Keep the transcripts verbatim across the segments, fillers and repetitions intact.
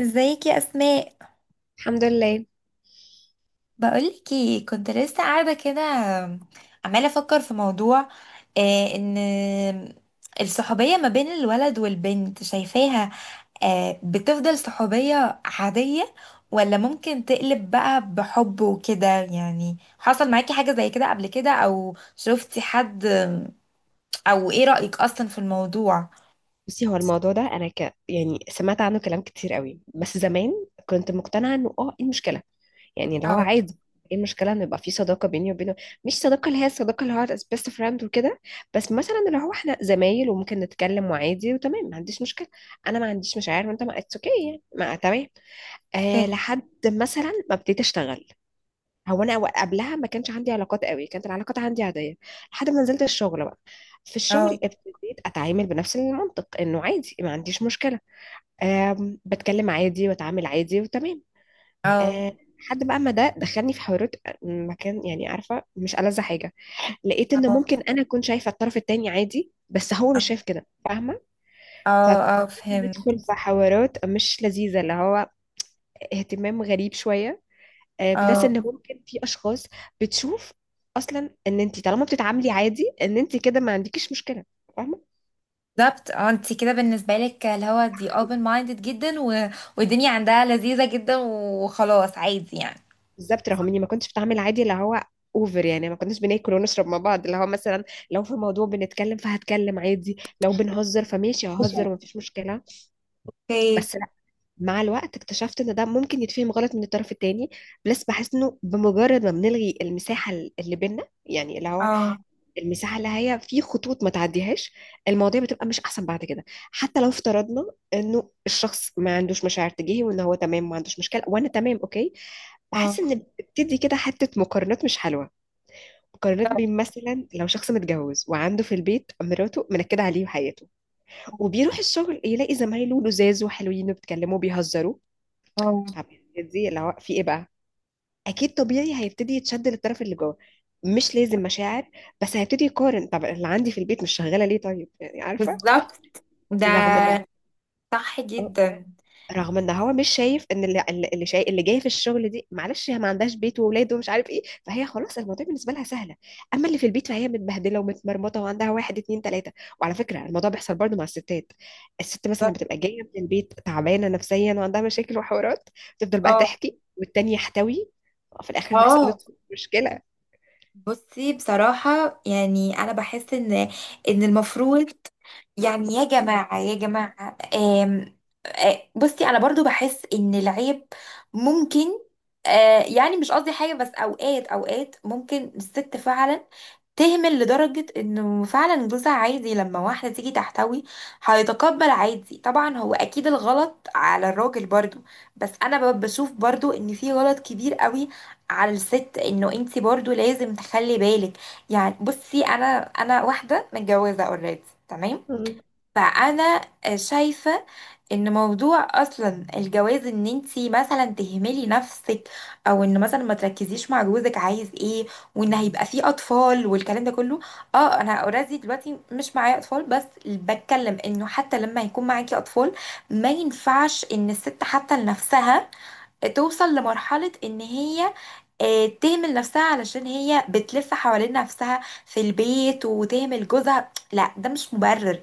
ازيك يا اسماء؟ الحمد لله. بقولك ايه، كنت لسه قاعده كده عماله افكر في موضوع. آه ان الصحوبيه ما بين الولد والبنت، شايفاها آه بتفضل صحوبيه عاديه، ولا ممكن تقلب بقى بحب وكده؟ يعني حصل معاكي حاجه زي كده قبل كده، او شفتي حد، او ايه رأيك اصلا في الموضوع؟ بصي، هو الموضوع ده انا ك... يعني سمعت عنه كلام كتير قوي بس زمان. كنت مقتنعه انه اه ايه المشكله؟ يعني اللي هو اه. عادي. ايه المشكله ان يبقى في صداقه بيني وبينه؟ مش صداقه اللي هي الصداقه اللي هو بيست فريند وكده، بس مثلا اللي هو احنا زمايل وممكن نتكلم وعادي وتمام، ما عنديش مشكله. انا ما عنديش مشاعر وانت ما اتس اوكي، يعني ما تمام. آه اوكي. لحد مثلا ما ابتديت اشتغل. هو انا قبلها ما كانش عندي علاقات قوي، كانت العلاقات عندي عاديه لحد ما نزلت الشغل بقى. في الشغل اه ابتديت اتعامل بنفس المنطق انه عادي، ما عنديش مشكله. أم بتكلم عادي واتعامل عادي وتمام. اه أه لحد بقى ما ده دخلني في حوارات، آه، مكان يعني عارفه مش ألذ حاجه. لقيت ان اه ممكن انا اكون شايفه الطرف التاني عادي بس هو مش شايف كده، فاهمه. فبدأنا اه اه، ندخل فهمت. في حوارات مش لذيذه، اللي هو اهتمام غريب شويه. آه، بلس اه ان ممكن في اشخاص بتشوف اصلا ان انت طالما بتتعاملي عادي ان انت كده ما عندكيش مشكله، فاهمه. بالظبط، اه انت كده بالنسبه لك اللي هو دي open minded جدا و... والدنيا عندها لذيذه جدا وخلاص عادي يعني. بالظبط، رغم اني ما كنتش بتعامل عادي اللي هو اوفر. يعني ما كناش بناكل ونشرب مع بعض اللي هو مثلا، لو في موضوع بنتكلم فهتكلم عادي، لو بنهزر فماشي مش ههزر ومفيش مشكله. اوكي. بس لا، مع الوقت اكتشفت ان ده ممكن يتفهم غلط من الطرف التاني. بلس بحس انه بمجرد ما بنلغي المساحه اللي بينا، يعني اللي هو اه. المساحه اللي هي في خطوط ما تعديهاش، المواضيع بتبقى مش احسن بعد كده. حتى لو افترضنا انه الشخص ما عندوش مشاعر تجاهي وان هو تمام ما عندوش مشكله وانا تمام اوكي، بحس اه ان بتدي كده حته مقارنات مش حلوه. مقارنات بالظبط. بين مثلا لو شخص متجوز وعنده في البيت مراته منكده عليه وحياته، وبيروح الشغل يلاقي زمايله لزاز وحلوين وبيتكلموا بيهزروا. اه طب يعني دي اللي هو في ايه بقى؟ اكيد طبيعي هيبتدي يتشد للطرف اللي جوه، مش لازم مشاعر، بس هيبتدي يقارن. طب اللي عندي في البيت مش شغاله ليه؟ طيب، يعني عارفه، بالظبط. رغم ان ده صح آه، جدا. رغم ان هو مش شايف ان اللي اللي اللي شايف اللي جايه في الشغل دي، معلش هي ما عندهاش بيت واولاده ومش عارف ايه، فهي خلاص الموضوع بالنسبه لها سهله. اما اللي في البيت فهي متبهدله ومتمرمطه وعندها واحد اتنين تلاته. وعلى فكره الموضوع بيحصل برضو مع الستات. الست مثلا لما بالظبط. بتبقى جايه من البيت تعبانه نفسيا وعندها مشاكل وحوارات، تفضل بقى اه. تحكي والتاني يحتوي، في الاخر نحصل اه مشكله. بصي، بصراحة يعني أنا بحس إن إن المفروض، يعني يا جماعة يا جماعة، آم، آه، بصي أنا برضو بحس إن العيب ممكن، آه، يعني مش قصدي حاجة، بس أوقات أوقات ممكن الست فعلا تهمل لدرجة إنه فعلا جوزها عادي لما واحدة تيجي تحتوي، هيتقبل عادي. طبعا هو أكيد الغلط على الراجل برضو، بس أنا ب- بشوف برضو إن في غلط كبير قوي على الست، انه انت برضو لازم تخلي بالك. يعني بصي، انا انا واحده متجوزه اوريدي، تمام؟ مم. فانا شايفه ان موضوع اصلا الجواز، ان انت مثلا تهملي نفسك، او ان مثلا ما تركزيش مع جوزك عايز ايه، وان هيبقى فيه اطفال والكلام ده كله. اه انا اوريدي دلوقتي مش معايا اطفال، بس بتكلم انه حتى لما يكون معاكي اطفال ما ينفعش ان الست حتى لنفسها توصل لمرحله ان هي، آه، تهمل نفسها علشان هي بتلف حوالين نفسها في البيت وتهمل جوزها. لا ده مش مبرر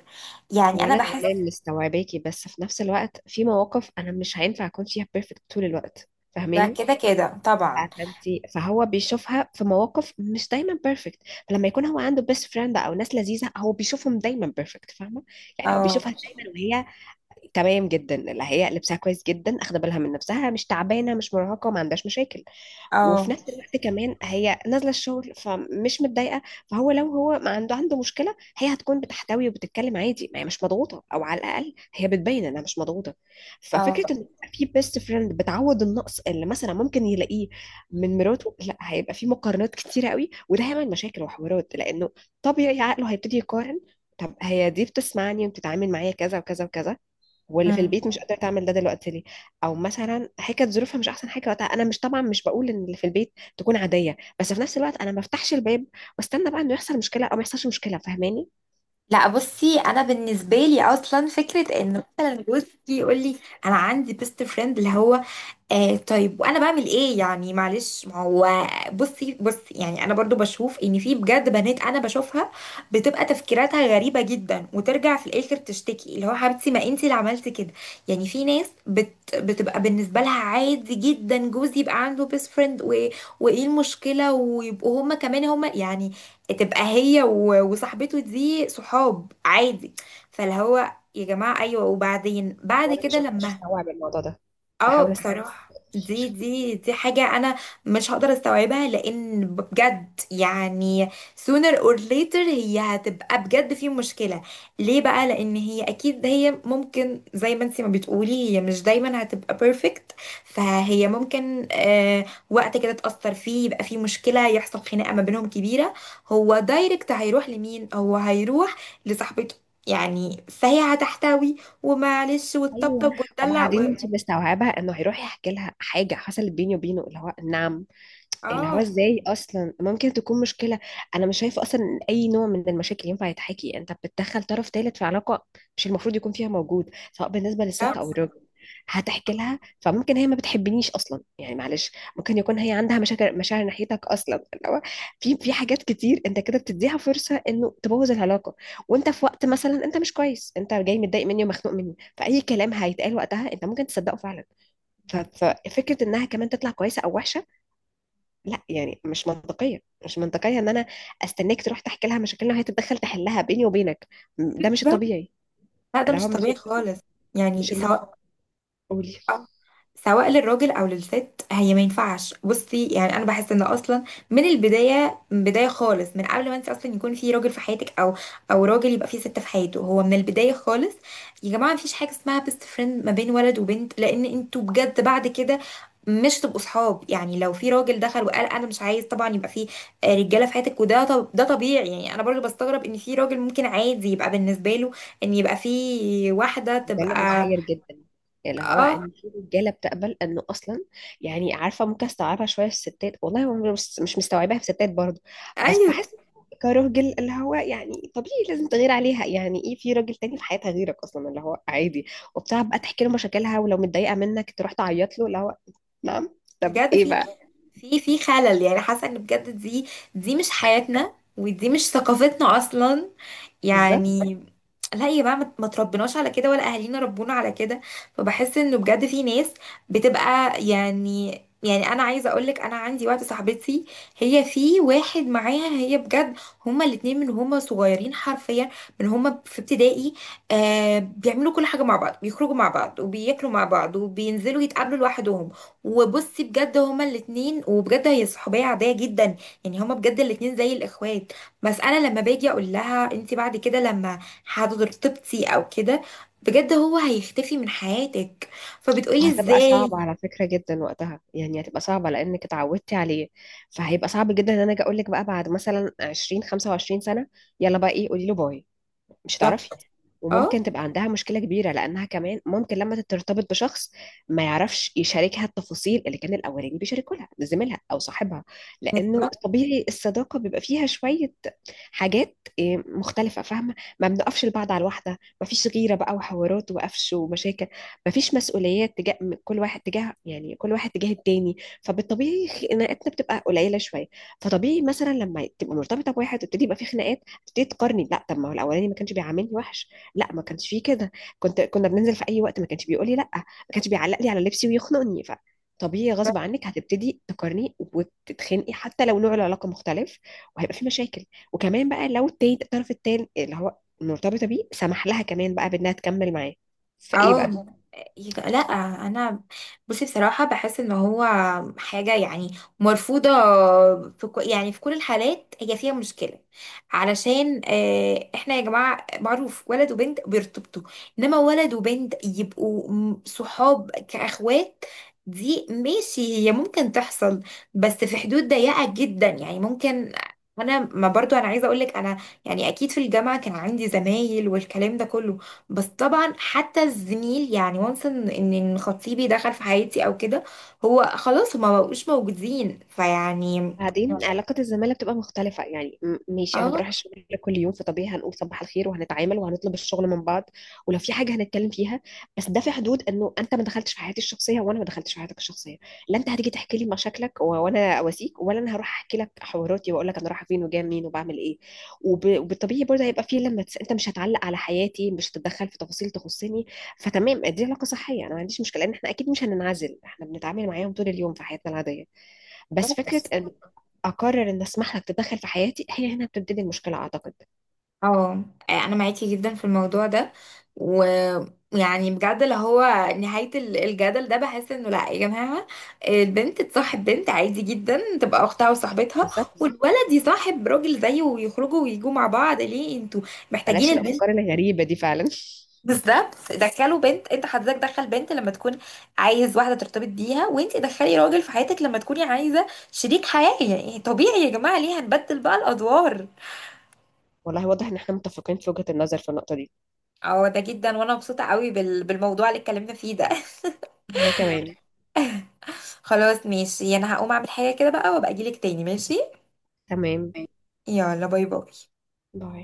يعني، هو انا انا بحس بالظبط. تمام مستوعباكي، بس في نفس الوقت في مواقف انا مش هينفع اكون فيها بيرفكت طول الوقت، ده فاهماني. كده كده طبعا. فانتي فهو بيشوفها في مواقف مش دايما بيرفكت. فلما يكون هو عنده بيست فريند او ناس لذيذه هو بيشوفهم دايما بيرفكت، فاهمه. يعني هو اه بيشوفها دايما وهي تمام جدا، اللي هي لبسها كويس جدا، اخده بالها من نفسها، مش تعبانه، مش مرهقه، ما عندهاش مشاكل. اه وفي نفس الوقت كمان هي نازله الشغل فمش متضايقه، فهو لو هو ما عنده عنده مشكله هي هتكون بتحتوي وبتتكلم عادي، ما هي مش مضغوطه، او على الاقل هي بتبين انها مش مضغوطه. اه. ففكره ان يبقى في بيست فريند بتعوض النقص اللي مثلا ممكن يلاقيه من مراته، لا، هيبقى في مقارنات كتيره قوي وده هيعمل مشاكل وحوارات، لانه طبيعي عقله هيبتدي يقارن. طب هي دي بتسمعني وبتتعامل معايا كذا وكذا وكذا، واللي في مم. البيت مش قادره تعمل ده دلوقتي ليه؟ او مثلا هي كانت ظروفها مش احسن حاجه وقتها، انا مش طبعا مش بقول ان اللي في البيت تكون عاديه، بس في نفس الوقت انا ما بفتحش الباب واستنى بقى انه يحصل مشكله او ما يحصلش مشكله، فاهماني. لا بصي، انا بالنسبه لي اصلا فكره ان مثلا جوزي يقول لي انا عندي بيست فريند اللي هو، آه طيب وانا بعمل ايه يعني معلش، ما هو بصي بصي، يعني انا برضو بشوف ان في بجد بنات انا بشوفها بتبقى تفكيراتها غريبة جدا، وترجع في الاخر تشتكي اللي هو، حبيبتي ما انتي اللي عملتي كده. يعني في ناس بت بتبقى بالنسبة لها عادي جدا جوزي يبقى عنده بيست فريند و... وايه المشكلة، ويبقوا هما كمان هما يعني، تبقى هي و... وصاحبته دي صحاب عادي. فاللي هو يا جماعة ايوه، وبعدين بعد وانا مش كده قادره لما، استوعب الموضوع ده، اه بحاول استوعب. بصراحة دي دي دي حاجة انا مش هقدر استوعبها لان بجد يعني sooner or later هي هتبقى بجد في مشكلة. ليه بقى؟ لان هي اكيد، هي ممكن زي ما انتي ما بتقولي، هي مش دايما هتبقى perfect، فهي ممكن آه وقت كده تأثر فيه يبقى فيه مشكلة، يحصل خناقة ما بينهم كبيرة، هو دايركت هيروح لمين؟ هو هيروح لصاحبته، يعني فهي هتحتوي ومعلش ايوه، وتطبطب وتدلع و... وبعدين انت مستوعبه انه هيروح يحكي لها حاجه حصلت بيني وبينه، اللي هو نعم. اللي هو اه. ازاي اصلا ممكن تكون مشكله؟ انا مش شايفه اصلا ان اي نوع من المشاكل ينفع يتحكي، انت بتدخل طرف ثالث في علاقه مش المفروض يكون فيها موجود، سواء بالنسبه لا للست او الراجل. هتحكي لها فممكن هي ما بتحبنيش اصلا، يعني معلش، ممكن يكون هي عندها مشاكل مشاعر ناحيتك اصلا، اللي هو في في حاجات كتير انت كده بتديها فرصه انه تبوظ العلاقه. وانت في وقت مثلا انت مش كويس، انت جاي متضايق مني ومخنوق مني، فاي كلام هيتقال وقتها انت ممكن تصدقه فعلا. ف- ففكره انها كمان تطلع كويسه او وحشه، لا يعني مش منطقية. مش منطقية ان انا استناك تروح تحكي لها مشاكلنا وهي تتدخل تحلها بيني وبينك. م- ده مش الطبيعي، ده اللي هو مش مش طبيعي الطبيعي، خالص، يعني مش سواء المقبول. آه. سواء للراجل او للست، هي ما ينفعش. بصي يعني انا بحس ان اصلا من البدايه، من بدايه خالص، من قبل ما انت اصلا يكون في راجل في حياتك، او او راجل يبقى في ست في حياته، هو من البدايه خالص يا جماعه مفيش حاجه اسمها بيست فريند ما بين ولد وبنت، لان انتوا بجد بعد كده مش تبقوا صحاب. يعني لو في راجل دخل وقال انا مش عايز، طبعا يبقى في آه، رجاله في حياتك وده، طب ده طبيعي. يعني انا برضه بستغرب ان في راجل ممكن عادي يبقى بالنسبه له ان يبقى في واحده هو ده اللي تبقى، محير جدا، اللي هو اه. ان في رجاله بتقبل انه اصلا، يعني عارفه ممكن استوعبها شويه في الستات، والله هو مش مش مستوعباها في الستات برضه. بس ايوه. بحس كراجل اللي هو يعني طبيعي لازم تغير عليها. يعني ايه في راجل تاني في حياتها غيرك اصلا اللي هو عادي، وبتاع بقى تحكي له مشاكلها ولو متضايقه منك تروح تعيط له، اللي هو نعم. طب بجد ايه في بقى؟ في في خلل يعني، حاسه ان بجد دي دي مش حياتنا، ودي مش ثقافتنا اصلا بالظبط. يعني. لا يا بقى، ما ما تربناش على كده، ولا اهالينا ربونا على كده. فبحس انه بجد في ناس بتبقى يعني، يعني انا عايزه اقولك انا عندي واحده صاحبتي، هي في واحد معاها، هي بجد هما الاتنين من هما صغيرين حرفيا، من هما في ابتدائي، آه بيعملوا كل حاجه مع بعض، بيخرجوا مع بعض وبياكلوا مع بعض وبينزلوا يتقابلوا لوحدهم. وبصي بجد هما الاتنين، وبجد هي صحوبيه عاديه جدا، يعني هما بجد الاتنين زي الاخوات. بس انا لما باجي اقول لها انت بعد كده لما هترتبطي او كده بجد هو هيختفي من حياتك، فبتقولي وهتبقى ازاي. صعبة على فكرة جدا وقتها، يعني هتبقى صعبة لأنك اتعودتي عليه، فهيبقى صعب جدا إن أنا أجي أقول لك بقى بعد مثلا عشرين خمسة وعشرين سنة، يلا بقى إيه قولي له باي، مش هتعرفي. بالظبط. وممكن اه تبقى عندها مشكلة كبيرة، لأنها كمان ممكن لما ترتبط بشخص ما يعرفش يشاركها التفاصيل اللي كان الأولاني بيشاركوا لها زميلها أو صاحبها، لأنه بالظبط. طبيعي الصداقة بيبقى فيها شوية حاجات إيه، مختلفة، فاهمة. ما بنقفش لبعض على الواحدة، ما فيش غيرة بقى وحوارات وقفش ومشاكل، ما فيش مسؤوليات تجاه من كل واحد تجاه يعني كل واحد تجاه التاني، فبالطبيعي خناقاتنا بتبقى قليلة شوية. فطبيعي مثلا لما تبقى مرتبطة بواحد وتبتدي يبقى في خناقات، تبتدي تقارني. لا، طب ما هو الاولاني ما كانش بيعاملني وحش، لا ما كانش فيه كده. كنت كنا بننزل في اي وقت، ما كانش بيقول لي لا، ما كانش بيعلق لي على لبسي ويخنقني. ف طبيعي غصب عنك هتبتدي تقارني وتتخنقي حتى لو نوع العلاقه مختلف، وهيبقى في مشاكل. وكمان بقى لو التاني الطرف التاني اللي هو مرتبطه بيه سمح لها كمان بقى بانها تكمل معاه، فايه اه بقى. يج- لا، انا بصي بصراحه بحس ان هو حاجه يعني مرفوضه، في كو يعني في كل الحالات هي فيها مشكله، علشان آه، احنا يا جماعه معروف ولد وبنت بيرتبطوا، انما ولد وبنت يبقوا م- صحاب كاخوات، دي ماشي هي ممكن تحصل، بس في حدود ضيقه جدا. يعني ممكن، انا ما برضو، انا عايزه اقول لك انا يعني اكيد في الجامعه كان عندي زمايل والكلام ده كله، بس طبعا حتى الزميل يعني وانس ان إن- إن خطيبي دخل في حياتي او كده هو خلاص، هما مبقوش موجودين فيعني، بعدين علاقة الزمالة بتبقى مختلفة، يعني م- ماشي أنا بروح اه. الشغل كل يوم، فطبيعي هنقول صباح الخير وهنتعامل وهنطلب الشغل من بعض، ولو في حاجة هنتكلم فيها. بس ده في حدود إنه أنت ما دخلتش في حياتي الشخصية وأنا ما دخلتش في حياتك الشخصية. لا أنت هتيجي تحكي لي مشاكلك و- وأنا أواسيك، ولا أنا هروح أحكي لك حواراتي وأقول لك أنا رايحة فين وجاية منين وبعمل إيه. وب... وبالطبيعي برضه هيبقى في لما تس... أنت مش هتعلق على حياتي، مش هتتدخل في تفاصيل تخصني. فتمام، دي علاقة صحية، أنا ما عنديش مشكلة، لأن إحنا أكيد مش هننعزل، إحنا بنتعامل معاهم طول اليوم في حياتنا العادية. بس فكرة بس ان اقرر ان اسمح لك تتدخل في حياتي، هي هنا بتبتدي المشكلة، اعتقد. اه انا معاكي جدا في الموضوع ده، ويعني بجد اللي هو، نهاية ال- الجدل ده بحس انه لا يا جماعة، البنت تصاحب بنت عادي جدا، تبقى اختها وصاحبتها، بالظبط، والولد يصاحب راجل زيه ويخرجوا ويجوا مع بعض. ليه انتوا محتاجين بلاش البنت؟ الافكار الغريبة دي فعلا. بالظبط، دخلوا بنت، انت حضرتك دخل بنت لما تكون عايز واحده ترتبط بيها، وانت دخلي راجل في حياتك لما تكوني عايزه شريك حياه. يعني طبيعي يا جماعه، ليه هنبدل بقى الادوار؟ والله واضح ان احنا متفقين في وجهة النظر في النقطة دي. اه ده جدا، وانا مبسوطه قوي بال... بالموضوع اللي اتكلمنا فيه ده. وانا كمان خلاص ماشي، انا هقوم اعمل حاجه كده بقى، وابقى اجيلك تاني، ماشي؟ تمام. يلا، باي باي. باي.